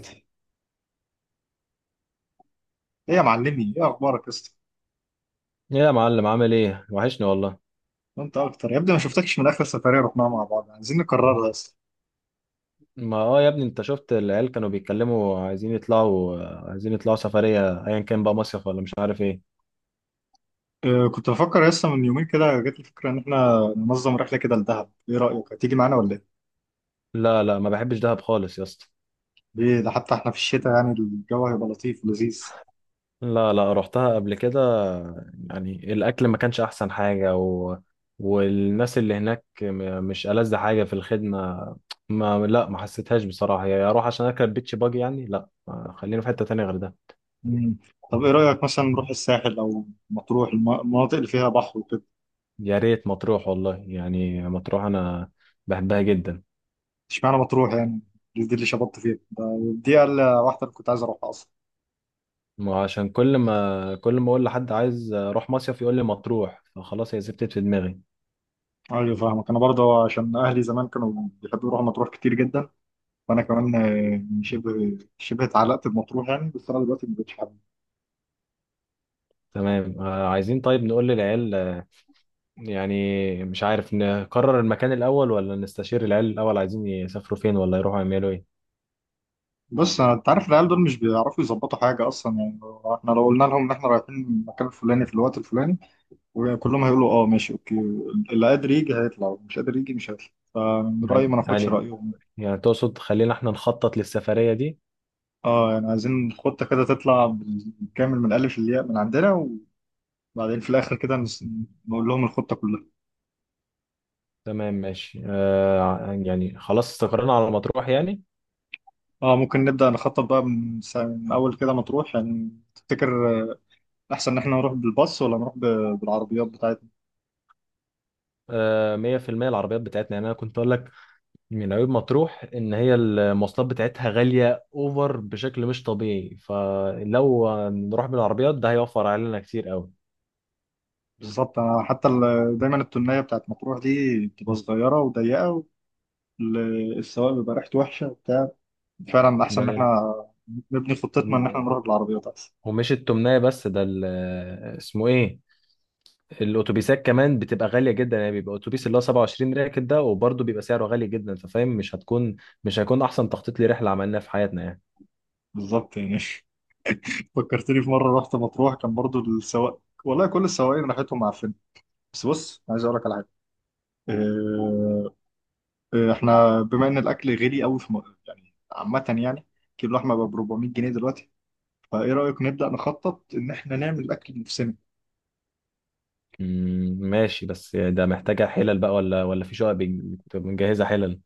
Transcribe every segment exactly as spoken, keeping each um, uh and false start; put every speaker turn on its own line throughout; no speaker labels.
ايه يا معلمي، ايه اخبارك يا اسطى؟
ايه يا معلم، عامل ايه؟ وحشني والله.
وانت اكتر يا ابني، ما شفتكش من اخر سفريه رحناها مع بعض. عايزين نكررها يا اسطى.
ما اه يا ابني، انت شفت العيال كانوا بيتكلموا عايزين يطلعوا، عايزين يطلعوا سفرية ايا كان بقى، مصيف ولا مش عارف ايه.
أه، كنت بفكر يا اسطى من يومين كده جات لي فكره ان احنا ننظم رحله كده لدهب. ايه رايك، هتيجي معانا ولا ايه؟
لا لا، ما بحبش دهب خالص يا اسطى.
ليه؟ ده حتى احنا في الشتاء، يعني الجو هيبقى لطيف ولذيذ.
لا لا، رحتها قبل كده. يعني الاكل ما كانش احسن حاجة و... والناس اللي هناك م- مش ألذ حاجة في الخدمة. ما لا، ما حسيتهاش بصراحة، يا اروح عشان اركب بيتش باجي يعني؟ لا، خلينا في حتة تانية غير ده.
مم. طب ايه رايك مثلا نروح الساحل او مطروح، الم- المناطق اللي فيها بحر وكده؟
يا ريت مطروح والله، يعني مطروح انا بحبها جدا.
اشمعنى مطروح يعني؟ دي دي اللي شبطت فيها، ده- دي اقل واحده اللي كنت عايز اروحها اصلا.
ما عشان كل ما كل ما اقول لحد عايز اروح مصيف يقول لي مطروح، فخلاص هي زبطت في دماغي.
ايوه فاهمك، انا برضه عشان اهلي زمان كانوا بيحبوا يروحوا مطروح كتير جدا. وانا كمان آه، شبه شبه اتعلقت بمطروح يعني، بس انا دلوقتي ما بقتش حابب.
تمام آه، عايزين طيب نقول للعيال، آه، يعني مش عارف نقرر المكان الاول ولا نستشير العيال الاول، عايزين يسافروا فين ولا يروحوا يعملوا ايه.
بص أنا- انت عارف العيال دول مش بيعرفوا يظبطوا حاجه اصلا يعني. احنا لو قلنا لهم ان احنا رايحين المكان الفلاني في الوقت الفلاني وكلهم هيقولوا اه ماشي اوكي. اللي قادر يجي هيطلع، مش قادر يجي مش هيطلع. من رايي ما
يعني
ناخدش
يعني
رايهم.
يعني تقصد خلينا احنا نخطط للسفرية دي.
اه، يعني عايزين خطه كده تطلع بالكامل من الالف للياء من عندنا، وبعدين في الاخر كده نس- نقول لهم الخطه كلها.
تمام ماشي آه، يعني خلاص استقرينا على مطروح يعني.
اه، ممكن نبدا نخطط بقى من, سا- من اول كده. مطروح يعني، تفتكر احسن ان احنا نروح بالباص ولا نروح ب- بالعربيات بتاعتنا؟
آه، مية في المية. العربيات بتاعتنا، يعني انا كنت اقول لك من عيوب مطروح ان هي المواصلات بتاعتها غاليه اوفر بشكل مش طبيعي، فلو نروح بالعربيات ده هيوفر علينا كتير قوي.
بالظبط. انا حتى ال- دايما التونية بتاعت مطروح دي بتبقى صغيره وضيقه، والسواق بيبقى ريحته وحشه وبتاع. فعلا احسن ان
ده
احنا نبني خطتنا ان احنا
وم-
نروح بالعربيات، احسن.
ومش التمنية بس، ده ال- اسمه ايه، الاتوبيسات كمان بتبقى غاليه جدا، يعني بيبقى اتوبيس اللي هو سبعة وعشرين راكب ده وبرضه بيبقى سعره غالي جدا، ففاهم مش هتكون، مش هيكون احسن تخطيط لرحله عملناها في حياتنا يعني.
بالظبط يعني. فكرتني في مره رحت مطروح، كان برضو السواق والله كل السواقين ريحتهم، عارفين. بس بص، عايز اقول لك على حاجه. إيه، إيه، احنا بما ان الاكل غالي قوي في م- يعني عامه يعني، كيلو لحمه ب أربعمية جنيه دلوقتي، فايه رايك نبدا نخطط ان احنا نعمل اكل بنفسنا؟
مم، ماشي، بس ده محتاجه حلل بقى ولا ولا في شقق بنجهزها حلل؟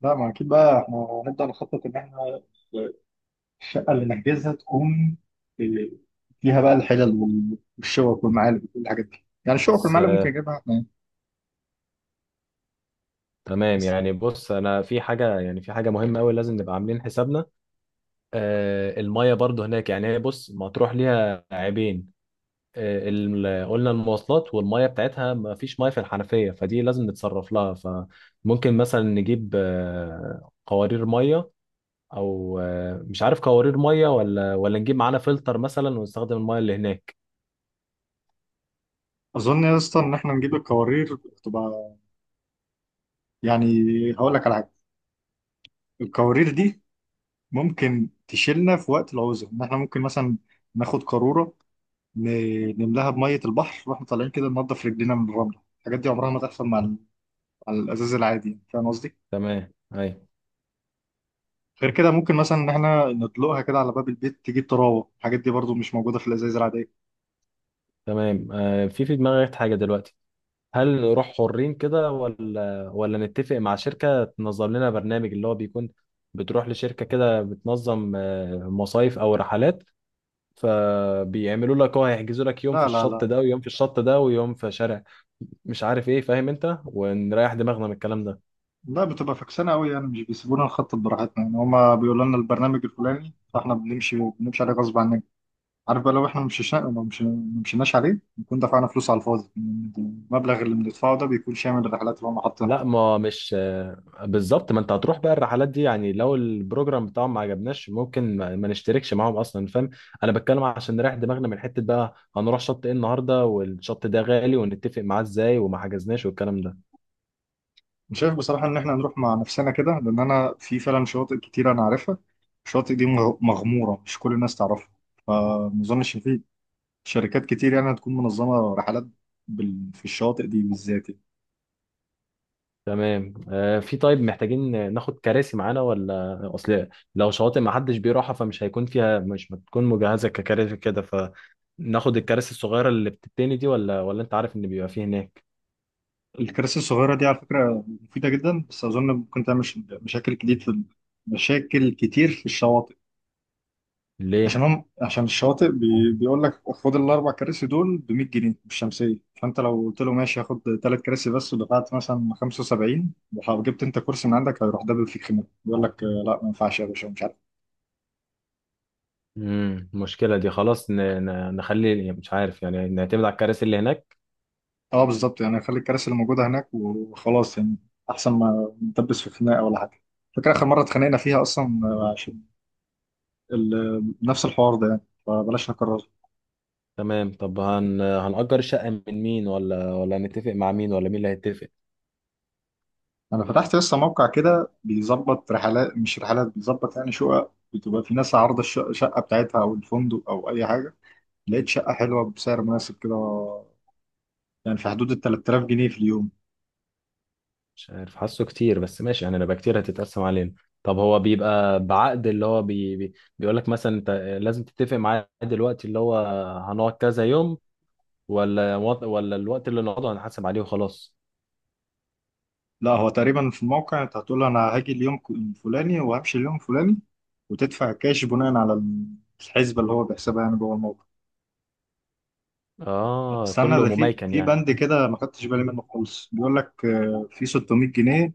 لا، ما اكيد بقى احنا نبدا نخطط ان احنا الشقه اللي نحجزها تكون إيه، فيها بقى الحلل وال- والشوك والمعالق وكل الحاجات دي. يعني الشوك
بس
والمعالق ممكن نجيبها احنا يعني.
تمام،
بس
يعني بص انا في حاجه، يعني في حاجه مهمه قوي لازم نبقى عاملين حسابنا. آه الميه برضو هناك، يعني هي بص مطروح ليها عيبين، آه، ال- قلنا المواصلات، والميه بتاعتها ما فيش ميه في الحنفيه، فدي لازم نتصرف لها، فممكن مثلا نجيب آه قوارير ميه، او آه مش عارف، قوارير ميه ولا ولا نجيب معانا فلتر مثلا ونستخدم الميه اللي هناك.
اظن يا اسطى ان احنا نجيب الكوارير، تبقى يعني. هقول لك على حاجه، الكوارير دي ممكن تشيلنا في وقت العوزه، ان احنا ممكن مثلا ناخد قاروره ن- نملاها بميه البحر واحنا طالعين كده ننضف رجلينا من الرمله. الحاجات دي عمرها ما تحصل مع، على الازاز العادي، فاهم قصدي؟
تمام اي.
غير كده ممكن مثلا ان احنا ندلقها كده على باب البيت تجيب تراوه. الحاجات دي برضو مش موجوده في الازايز العاديه.
تمام آه، في في دماغي حاجه دلوقتي، هل نروح حرين كده ولا ولا نتفق مع شركة تنظم لنا برنامج؟ اللي هو بيكون بتروح لشركة كده بتنظم آه، مصايف أو رحلات، فبيعملوا لك، هو هيحجزوا لك يوم في
لا لا
الشط
لا.
ده ويوم في الشط ده ويوم في شارع مش عارف ايه، فاهم انت، ونريح دماغنا من الكلام ده.
لا، بتبقى فكسانه قوي يعني، مش بيسيبونا نخطط براحتنا يعني. هما بيقولوا لنا البرنامج الفلاني فاحنا بنمشي بنمشي عليه غصب عننا. عارف بقى لو احنا مشيش- ما مشي- ما مشيناش عليه نكون دفعنا فلوس على الفاضي. المبلغ اللي بندفعه ده بيكون شامل الرحلات اللي هم حاطينها.
لا ما مش آه، بالظبط، ما انت هتروح بقى الرحلات دي يعني، لو البروجرام بتاعهم ما عجبناش ممكن ما ما نشتركش معاهم اصلا، فاهم؟ انا بتكلم عشان نريح دماغنا من حتة بقى هنروح شط ايه النهارده والشط ده غالي ونتفق معاه ازاي وما حجزناش والكلام ده.
أنا شايف بصراحه ان احنا نروح مع نفسنا كده، لان انا في فعلا شواطئ كتير انا عارفها. الشواطئ دي مغ- مغموره، مش كل الناس تعرفها، فما اظنش إن في شركات كتير يعني هتكون منظمة رحلات بال... في الشواطئ دي بالذات يعني.
تمام آه، في، طيب محتاجين ناخد كراسي معانا ولا؟ اصل لو شواطئ ما حدش بيروحها فمش هيكون فيها، مش بتكون مجهزة ككراسي كده، فناخد الكراسي الصغيرة اللي بتتني دي ولا ولا انت عارف ان بيبقى فيه هناك.
الكراسي الصغيرة دي على فكرة مفيدة جدا، بس أظن ممكن تعمل ش- مشاكل كتير في ال- مشاكل كتير في الشواطئ.
ليه؟
عشان هم عشان الشواطئ بي... بيقول لك خد الأربع كراسي دول ب مائة جنيه بالشمسية، فأنت لو قلت له ماشي هاخد ثلاث كراسي بس ودفعت مثلا خمسة وسبعين وجبت أنت كرسي من عندك، هيروح دبل فيك خناقة يقول لك آه، لا ما ينفعش يا باشا ومش عارف.
امم، المشكله دي خلاص ن... ن... نخلي، يعني مش عارف، يعني نعتمد على الكراسي اللي هناك.
اه بالظبط يعني، خلي الكراسي اللي موجوده هناك وخلاص يعني. احسن ما نتبس في خناقه ولا حاجه. فاكر اخر مره اتخانقنا فيها اصلا آه، عشان ال- نفس الحوار ده يعني، فبلاش نكرره.
تمام، طب هن... هنأجر الشقه من مين ولا ولا هنتفق مع مين، ولا مين اللي هيتفق؟
انا فتحت لسه موقع كده بيظبط رحلات، مش رحلات، بيظبط يعني شقق، بتبقى في ناس عارضه الشقه، الشقة بتاعتها او الفندق او اي حاجه. لقيت شقه حلوه بسعر مناسب كده، يعني في حدود ال ثلاثة آلاف جنيه في اليوم.
مش عارف، حاسه كتير بس ماشي يعني، هنبقى كتير هتتقسم علينا. طب هو بيبقى بعقد اللي هو بي... بي... بيقول لك مثلا انت لازم تتفق معاه دلوقتي اللي هو هنقعد كذا يوم، ولا وط... ولا الوقت اللي نقعده هنحاسب عليه وخلاص؟
لا هو تقريبا في الموقع انت هتقول انا هاجي اليوم ك- الفلاني وهمشي اليوم الفلاني، وتدفع كاش بناء على الحسبه اللي هو بيحسبها يعني جوه الموقع.
اه
استنى،
كله
ده في
مميكن
في
يعني.
بند كده ما خدتش بالي منه خالص، بيقول لك آه، في ستمية جنيه.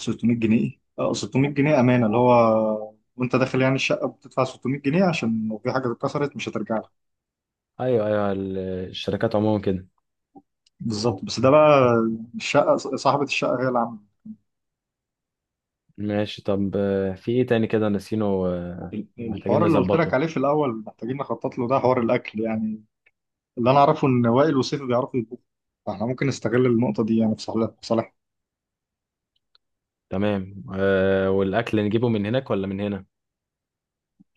ستمية جنيه ايه؟ اه ستمية جنيه امانه، اللي هو وانت داخل يعني الشقه بتدفع ستمئة جنيه عشان لو في حاجه اتكسرت مش هترجع لك.
ايوه ايوه، ال- الشركات عموما كده.
بالظبط، بس ده بقى الشقه، صاحبه الشقه هي اللي عامله.
ماشي طب، آه، في ايه تاني كده نسينه، آه محتاجين
الحوار اللي قلت لك
نظبطه.
عليه في الاول محتاجين نخطط له، ده حوار الاكل يعني. اللي انا اعرفه ان وائل وسيف بيعرفوا يطبخوا، فاحنا ممكن نستغل النقطه دي يعني في صالح في صالح
تمام آه، والاكل نجيبه من هناك ولا من هنا؟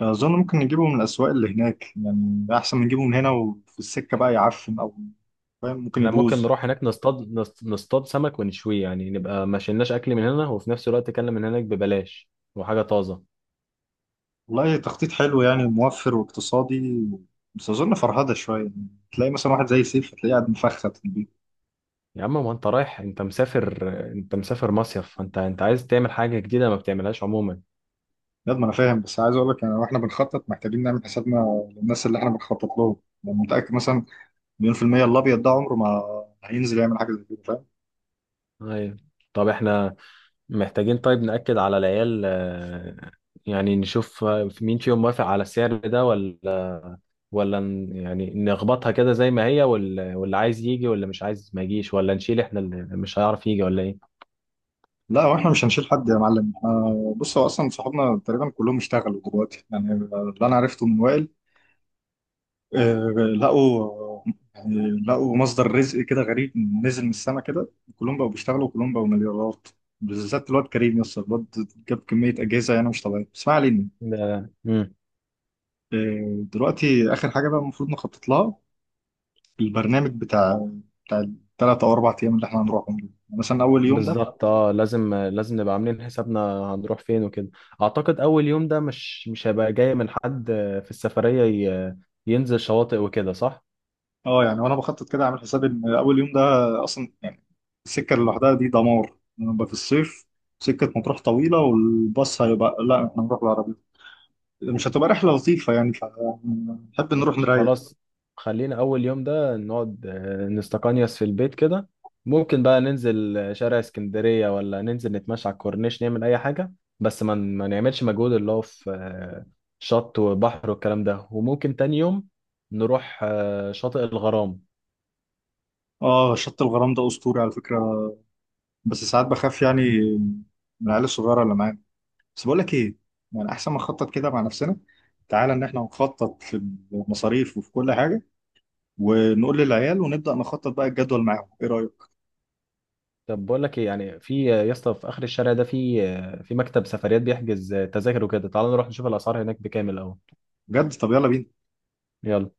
اظن ممكن نجيبه من الاسواق اللي هناك، يعني ده احسن من نجيبه من هنا، وفي السكه بقى يعفن او، فاهم، ممكن
احنا ممكن
يبوظ.
نروح هناك نصطاد، نص- نصطاد سمك ونشويه، يعني نبقى ما شلناش اكل من هنا وفي نفس الوقت اكل من هناك ببلاش وحاجه طازه.
والله تخطيط حلو يعني، موفر واقتصادي. بس اظن فرهده شويه يعني، تلاقي مثلا واحد زي سيف هتلاقيه قاعد مفخت في البيت.
يا عم ما انت رايح، انت مسافر، انت مسافر مصيف، فانت انت عايز تعمل حاجه جديده ما بتعملهاش عموما.
بجد ما انا فاهم، بس عايز اقول لك يعني واحنا بنخطط محتاجين نعمل حسابنا للناس اللي احنا بنخطط لهم. يعني متاكد مثلا مليون في المية الابيض ده عمره ما هينزل يعمل حاجه زي كده.
ايوه. طب احنا محتاجين طيب نأكد على العيال، آه، يعني نشوف آه، مين فيهم موافق على السعر ده ولا، ولا ن- يعني نخبطها كده زي ما هي، وال- واللي عايز يجي واللي مش عايز ما يجيش، ولا نشيل احنا اللي مش هيعرف يجي ولا ايه؟
لا واحنا مش هنشيل حد يا معلم آه، بص هو اصلا صحابنا تقريبا كلهم اشتغلوا دلوقتي يعني. اللي انا عرفته من وائل آه، لقوا يعني لقوا مصدر رزق كده غريب، نزل من السما كده. كلهم بقوا بيشتغلوا وكلهم بقوا مليارات، بالذات الواد كريم يس. الواد جاب كمية أجهزة يعني مش طبيعية، بس ما علينا.
ده- مم.
آه، دلوقتي آخر حاجة بقى المفروض نخطط لها، البرنامج بتاع بتاع الثلاث أو أربع أيام اللي احنا هنروحهم دول. يعني مثلا أول يوم ده،
بالظبط، اه لازم لازم نبقى عاملين حسابنا هنروح فين وكده. اعتقد اول يوم ده مش مش هيبقى جاي من حد آه، في السفرية، ي- ينزل شواطئ وكده، صح؟
اه يعني وانا بخطط كده اعمل حسابي ان اول يوم ده اصلا يعني السكه اللي لوحدها دي دمار، نبقى في الصيف. سكه مطروح طويله والباص هيبقى، لا احنا نروح بالعربيه، مش هتبقى رحله لطيفه يعني فنحب نروح
ماشي،
نريح.
خلاص، خلينا أول يوم ده نقعد آه، نستقنيس في البيت كده، ممكن بقى ننزل آه، شارع اسكندرية ولا ننزل نتمشى على الكورنيش نعمل أي حاجة، بس ما ما نعملش مجهود اللي هو في آه، شط وبحر والكلام ده. وممكن تاني يوم نروح آه، شاطئ الغرام.
اه شط الغرام ده اسطوري على فكره، بس ساعات بخاف يعني من العيال الصغيره اللي معانا. بس بقول لك ايه، يعني احسن ما نخطط كده مع نفسنا. تعالى ان احنا نخطط في المصاريف وفي كل حاجه، ونقول للعيال ونبدا نخطط بقى الجدول معاهم، ايه رايك؟
طب بقول لك ايه، يعني في آه، يا اسطى في آخر الشارع ده في آه، في مكتب سفريات بيحجز آه، تذاكر وكده، تعال نروح نشوف الأسعار هناك بكام الأول.
بجد؟ طب يلا بينا.
يلا.